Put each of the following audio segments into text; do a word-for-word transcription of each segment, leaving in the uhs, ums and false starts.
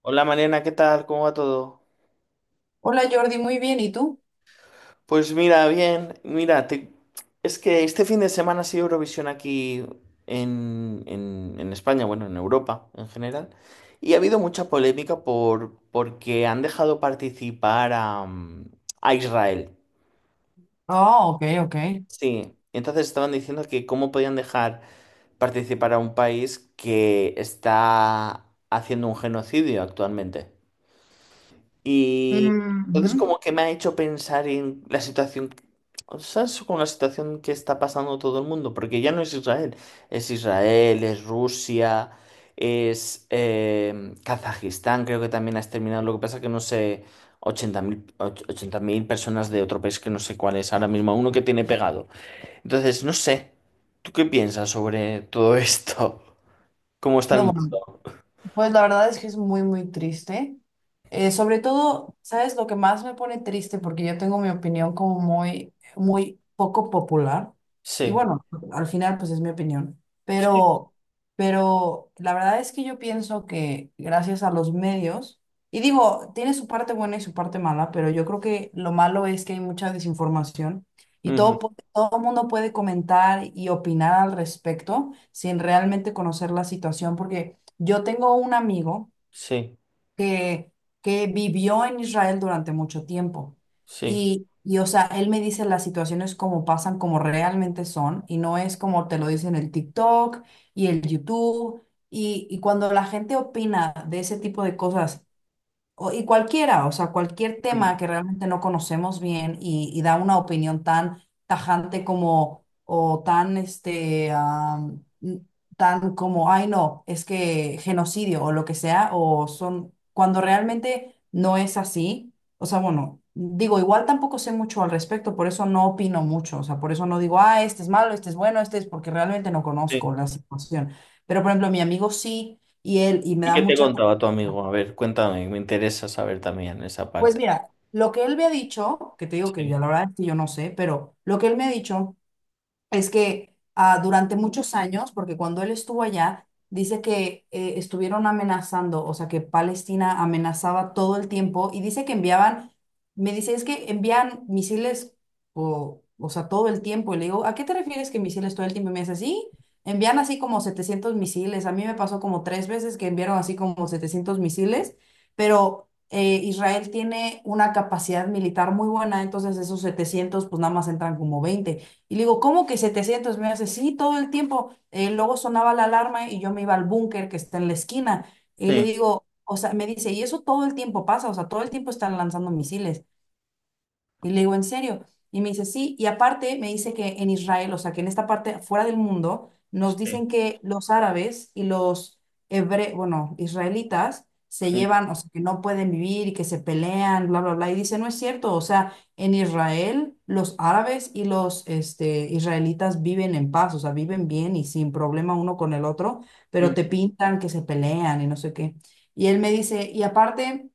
Hola Mariana, ¿qué tal? ¿Cómo va todo? Hola Jordi, muy bien, ¿y tú? Pues mira, bien, mira, te- es que este fin de semana ha sido Eurovisión aquí en, en- en España, bueno, en Europa en general, y ha habido mucha polémica por, porque han dejado participar a, mm, a Israel. Ah, ok, ok. Sí, entonces estaban diciendo que cómo podían dejar participar a un país que está haciendo un genocidio actualmente. Y entonces Ujú. como que me ha hecho pensar en la situación, o sea, es con la situación que está pasando todo el mundo, porque ya no es Israel, es Israel, es Rusia, es eh, Kazajistán, creo que también ha exterminado, lo que pasa que no sé, ochenta mil och- ochenta mil personas de otro país que no sé cuál es ahora mismo, uno que tiene pegado. Entonces, no sé, ¿tú qué piensas sobre todo esto? ¿Cómo está el No, mundo? bueno. Pues la verdad es que es muy, muy triste. Eh, sobre todo, ¿sabes lo que más me pone triste? Porque yo tengo mi opinión como muy, muy poco popular. Y Sí, bueno, al final, pues es mi opinión. sí, Pero, pero la verdad es que yo pienso que gracias a los medios, y digo, tiene su parte buena y su parte mala, pero yo creo que lo malo es que hay mucha desinformación y ujú, todo, pu- todo el mundo puede comentar y opinar al respecto sin realmente conocer la situación, porque yo tengo un amigo sí, que, que vivió en Israel durante mucho tiempo sí. y, y, o sea, él me dice las situaciones como pasan, como realmente son y no es como te lo dicen el TikTok y el YouTube y, y cuando la gente opina de ese tipo de cosas o- Y cualquiera, o sea, cualquier Ujú, tema que realmente no conocemos bien y, y da una opinión tan tajante como, o tan, este, am, n- tan como, ay, no, es que genocidio o lo que sea, o son, cuando realmente no es así, o sea, bueno, digo, igual tampoco sé mucho al respecto, por eso no opino mucho, o sea, por eso no digo, ah, este es malo, este es bueno, este es porque realmente no conozco sí. la situación. Pero, por ejemplo, mi amigo sí, y él, y me ¿Y da qué te mucha... contaba tu amigo? A ver, cuéntame, me interesa saber también esa Pues parte. mira, lo que él me ha dicho, que te digo que yo Sí, la verdad es que yo no sé, pero lo que él me ha dicho es que ah, durante muchos años, porque cuando él estuvo allá, dice que eh, estuvieron amenazando, o sea, que Palestina amenazaba todo el tiempo y dice que enviaban, me dice, es que envían misiles, o, o sea, todo el tiempo. Y le digo, ¿a qué te refieres que misiles todo el tiempo? Y me dice, sí, envían así como setecientos misiles. A mí me pasó como tres veces que enviaron así como setecientos misiles, pero... eh, Israel tiene una capacidad militar muy buena, entonces esos setecientos pues nada más entran como veinte y le digo, ¿cómo que setecientos? Me hace, sí, todo el tiempo. Eh, luego sonaba la alarma y yo me iba al búnker que está en la esquina. Y le sí, digo, o sea, me dice, y eso todo el tiempo pasa, o sea, todo el tiempo están lanzando misiles. Y le digo, ¿en serio? Y me dice, sí. Y aparte me dice que en Israel, o sea, que en esta parte fuera del mundo, nos sí, dicen que los árabes y los hebre, bueno, israelitas se sí, llevan, o sea, que no pueden vivir y que se pelean, bla, bla, bla. Y dice, no es cierto. O sea, en Israel, los árabes y los este, israelitas viven en paz, o sea, viven bien y sin problema uno con el otro, pero mm, te pintan que se pelean y no sé qué. Y él me dice, y aparte...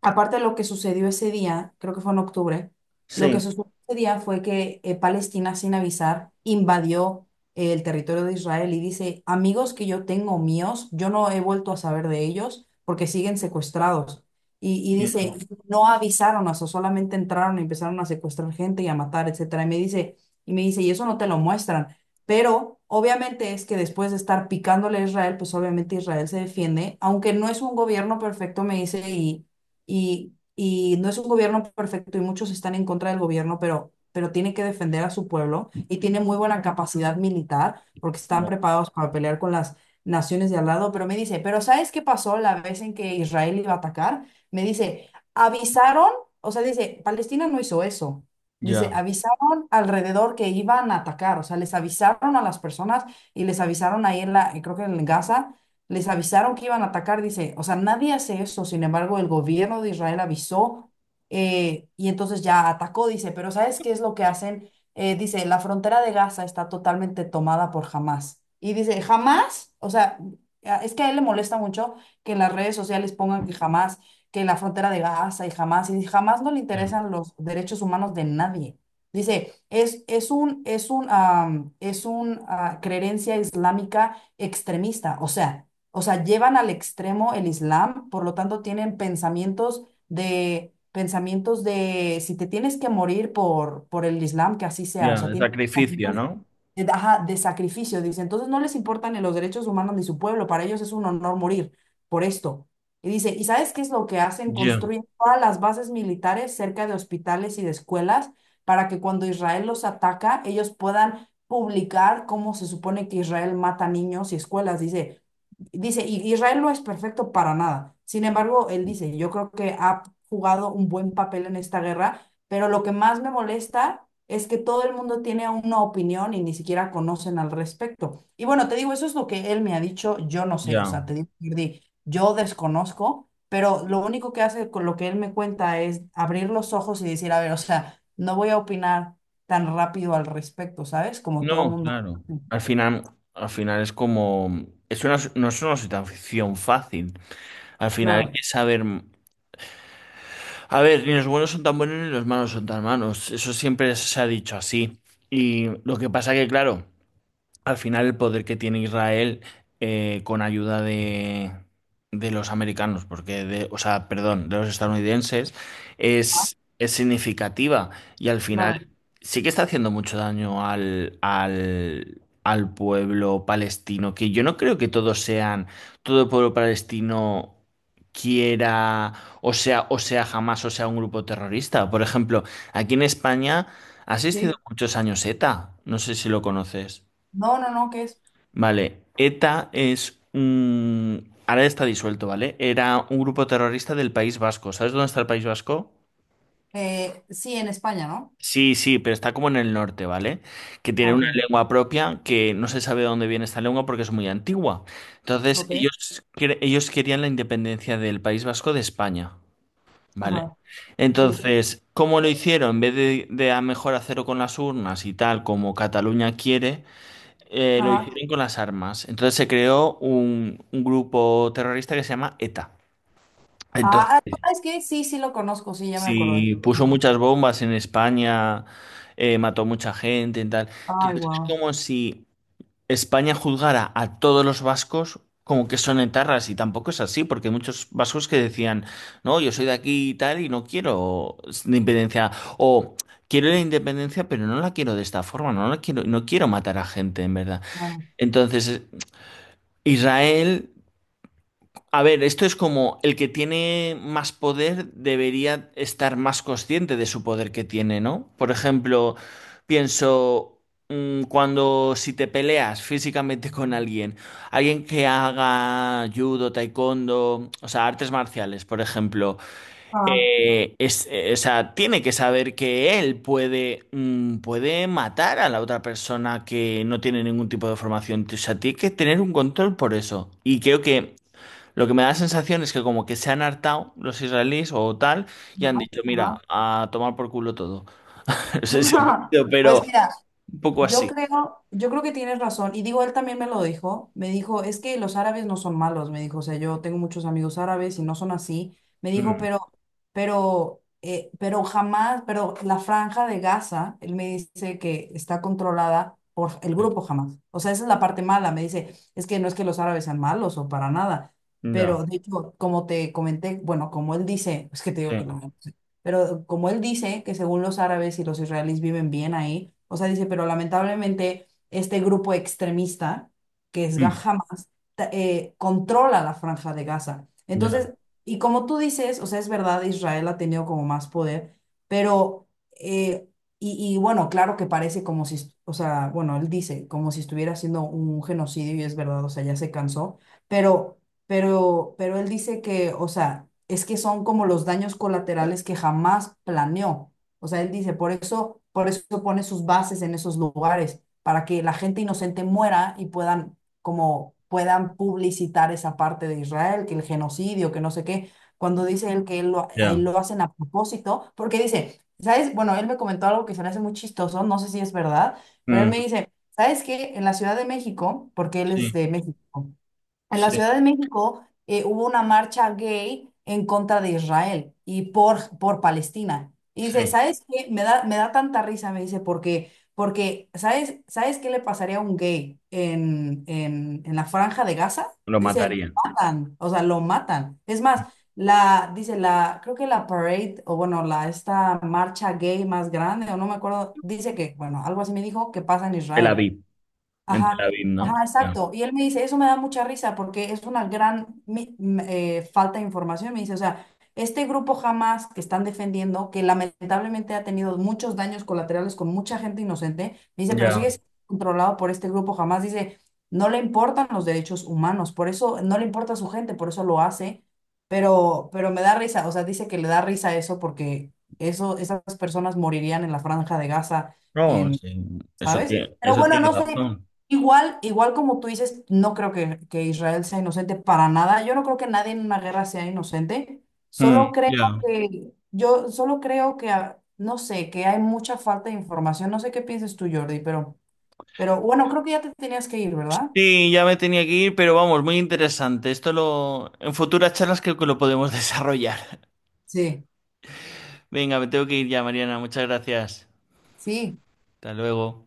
Aparte de lo que sucedió ese día, creo que fue en octubre, lo sí, que sucedió ese día fue que eh, Palestina, sin avisar, invadió eh, el territorio de Israel y dice, amigos que yo tengo míos, yo no he vuelto a saber de ellos porque siguen secuestrados. Y, y ya, dice, no avisaron, o sea, solamente entraron y empezaron a secuestrar gente y a matar, etcétera. Y me dice, y me dice, y eso no te lo muestran. Pero obviamente es que después de estar picándole a Israel, pues obviamente Israel se defiende, aunque no es un gobierno perfecto, me dice, y y, y no es un gobierno perfecto y muchos están en contra del gobierno, pero, pero tiene que defender a su pueblo y tiene muy buena capacidad militar porque están ya, preparados para pelear con las naciones de al lado. Pero me dice, ¿pero sabes qué pasó la vez en que Israel iba a atacar? Me dice, avisaron, o sea, dice, Palestina no hizo eso. Dice, ya, avisaron alrededor que iban a atacar, o sea, les avisaron a las personas y les avisaron ahí en la, creo que en Gaza, les avisaron que iban a atacar, dice, o sea, nadie hace eso, sin embargo, el gobierno de Israel avisó eh, y entonces ya atacó, dice, pero ¿sabes qué es lo que hacen? Eh, dice, la frontera de Gaza está totalmente tomada por Hamás. Y dice, Hamás, o sea, a- es que a él le molesta mucho que en las redes sociales pongan que Hamás, que la frontera de Gaza y Hamás, y jamás no le ya, interesan los derechos humanos de nadie. Dice, es, es un, es un, am, es un, ah, creencia islámica extremista, o sea o sea, llevan al extremo el Islam, por lo tanto tienen pensamientos de, pensamientos de si te tienes que morir por, por el Islam, que así sea, o ya, sea, el tienen sacrificio, pensamientos ¿no? eh, ajá, de sacrificio, dice. Entonces no les importan ni los derechos humanos ni su pueblo, para ellos es un honor morir por esto. Y dice, ¿y sabes qué es lo que hacen? Ya, Construyen todas las bases militares cerca de hospitales y de escuelas para que cuando Israel los ataca, ellos puedan publicar cómo se supone que Israel mata niños y escuelas. Dice, dice, "Y Israel no es perfecto para nada. Sin embargo, él dice, yo creo que ha jugado un buen papel en esta guerra, pero lo que más me molesta es que todo el mundo tiene una opinión y ni siquiera conocen al respecto. Y bueno, te digo, eso es lo que él me ha dicho, yo no sé, o sea, ya. te digo, Jordi, yo desconozco, pero lo único que hace con lo que él me cuenta es abrir los ojos y decir, a ver, o sea, no voy a opinar tan rápido al respecto, ¿sabes? Como todo No, mundo. claro. Al final, al final es como, es una, no es una situación fácil. Al final hay Claro, que saber, a ver, ni los buenos son tan buenos ni los malos son tan malos. Eso siempre se ha dicho así. Y lo que pasa que, claro. Al final el poder que tiene Israel eh, con ayuda de, de los americanos, porque de, o sea, perdón, de los estadounidenses, es, es significativa y al claro. final sí que está haciendo mucho daño al, al, al pueblo palestino, que yo no creo que todos sean, todo el pueblo palestino quiera, o sea, o sea, jamás, o sea, un grupo terrorista. Por ejemplo, aquí en España ha existido Sí. muchos años ETA, no sé si lo conoces. No, no, no, ¿qué es? Vale, ETA es un... Ahora está disuelto, ¿vale? Era un grupo terrorista del País Vasco. ¿Sabes dónde está el País Vasco? Eh, sí, en España, ¿no? Sí, sí, pero está como en el norte, ¿vale? Que tiene Ah, ok, una lengua propia que no se sabe de dónde viene esta lengua porque es muy antigua. Entonces, ok, ellos, quer- ellos querían la independencia del País Vasco de España, ¿vale? ajá, sí. Entonces, ¿cómo lo hicieron? En vez de, de a mejor hacerlo con las urnas y tal, como Cataluña quiere, eh, lo Ajá. hicieron con las armas. Entonces se creó un, un grupo terrorista que se llama ETA. Ah, Entonces, ah, ¿sabes qué? Sí, sí lo conozco, sí, ya me acordé. sí, puso Ajá. muchas bombas en España, eh, mató mucha gente y tal. Ay, Entonces es wow. como si España juzgara a todos los vascos como que son etarras y tampoco es así, porque hay muchos vascos que decían, no, yo soy de aquí y tal y no quiero la independencia o quiero la independencia, pero no la quiero de esta forma, no la quiero, no quiero matar a gente en verdad. Bueno. Entonces, Israel a ver, esto es como el que tiene más poder debería estar más consciente de su poder que tiene, ¿no? Por ejemplo, pienso, mm, cuando si te peleas físicamente con alguien, alguien que haga judo, taekwondo, o sea, artes marciales, por ejemplo, Ah, eh, es, eh, o sea, tiene que saber que él puede, mm, puede matar a la otra persona que no tiene ningún tipo de formación. O sea, tiene que tener un control por eso. Y creo que lo que me da la sensación es que como que se han hartado los israelíes o tal y han dicho, ajá, mira, a tomar por culo todo. No sé si ajá. ofendido, pero Pues mira, un poco yo así. creo, yo creo que tienes razón. Y digo, él también me lo dijo. Me dijo, es que los árabes no son malos. Me dijo, o sea, yo tengo muchos amigos árabes y no son así. Me dijo, Mm, pero, pero, eh, pero jamás, pero la franja de Gaza, él me dice que está controlada por el grupo jamás. O sea, esa es la parte mala. Me dice, es que no es que los árabes sean malos o para nada. ya, Pero de hecho, como te comenté, bueno, como él dice, es que te digo que sí. no. Pero como él dice que según los árabes y los israelíes viven bien ahí, o sea, dice, pero lamentablemente este grupo extremista, que es Ga- Mm, Hamas, ta- eh, controla la franja de Gaza. ya, Entonces, y como tú dices, o sea, es verdad, Israel ha tenido como más poder, pero, eh, y, y bueno, claro que parece como si, est- o sea, bueno, él dice, como si estuviera haciendo un genocidio y es verdad, o sea, ya se cansó, pero pero, pero él dice que, o sea, es que son como los daños colaterales que jamás planeó. O sea, él dice, por eso, por eso pone sus bases en esos lugares, para que la gente inocente muera y puedan, como, puedan publicitar esa parte de Israel, que el genocidio, que no sé qué. Cuando dice él que él lo, ahí ya. lo hacen a propósito, porque dice, ¿sabes? Bueno, él me comentó algo que se me hace muy chistoso, no sé si es verdad, pero él Mm, me dice, ¿sabes qué? En la Ciudad de México, porque él es sí, de México. En la sí, Ciudad de México eh, hubo una marcha gay en contra de Israel y por, por Palestina. Y sí. dice, ¿sabes qué? Me da, me da tanta risa, me dice, porque, porque ¿sabes, ¿sabes qué le pasaría a un gay en, en, en la franja de Gaza? Lo Dice, lo matarían. matan, o sea, lo matan. Es más, la, dice, la, creo que la parade, o bueno, la, esta marcha gay más grande, o no me acuerdo, dice que, bueno, algo así me dijo, que pasa en Tel Israel. Aviv, en Tel Ajá, Aviv, ¿no? ajá, Ya. exacto. Y él me dice, eso me da mucha risa porque es una gran mi- m- eh, falta de información. Me dice, o sea, este grupo jamás que están defendiendo, que lamentablemente ha tenido muchos daños colaterales con mucha gente inocente, me dice, pero Ya. sigue siendo controlado por este grupo jamás. Dice, no le importan los derechos humanos, por eso no le importa a su gente, por eso lo hace. Pero, pero me da risa, o sea, dice que le da risa eso porque eso, esas personas morirían en la franja de Gaza. No, sí. Eso ¿sabes? tiene, Pero eso bueno, tiene no sé, razón. igual, igual como tú dices, no creo que, que Israel sea inocente para nada. Yo no creo que nadie en una guerra sea inocente. Mm, Solo creo ya. que, yo solo creo que, ah, no sé, que hay mucha falta de información. No sé qué piensas tú, Jordi, pero, pero bueno, creo que ya te tenías que ir, ¿verdad? Sí, ya me tenía que ir, pero vamos, muy interesante. Esto lo, en futuras charlas creo que lo podemos desarrollar. Sí, Venga, me tengo que ir ya, Mariana. Muchas gracias. sí. Hasta luego.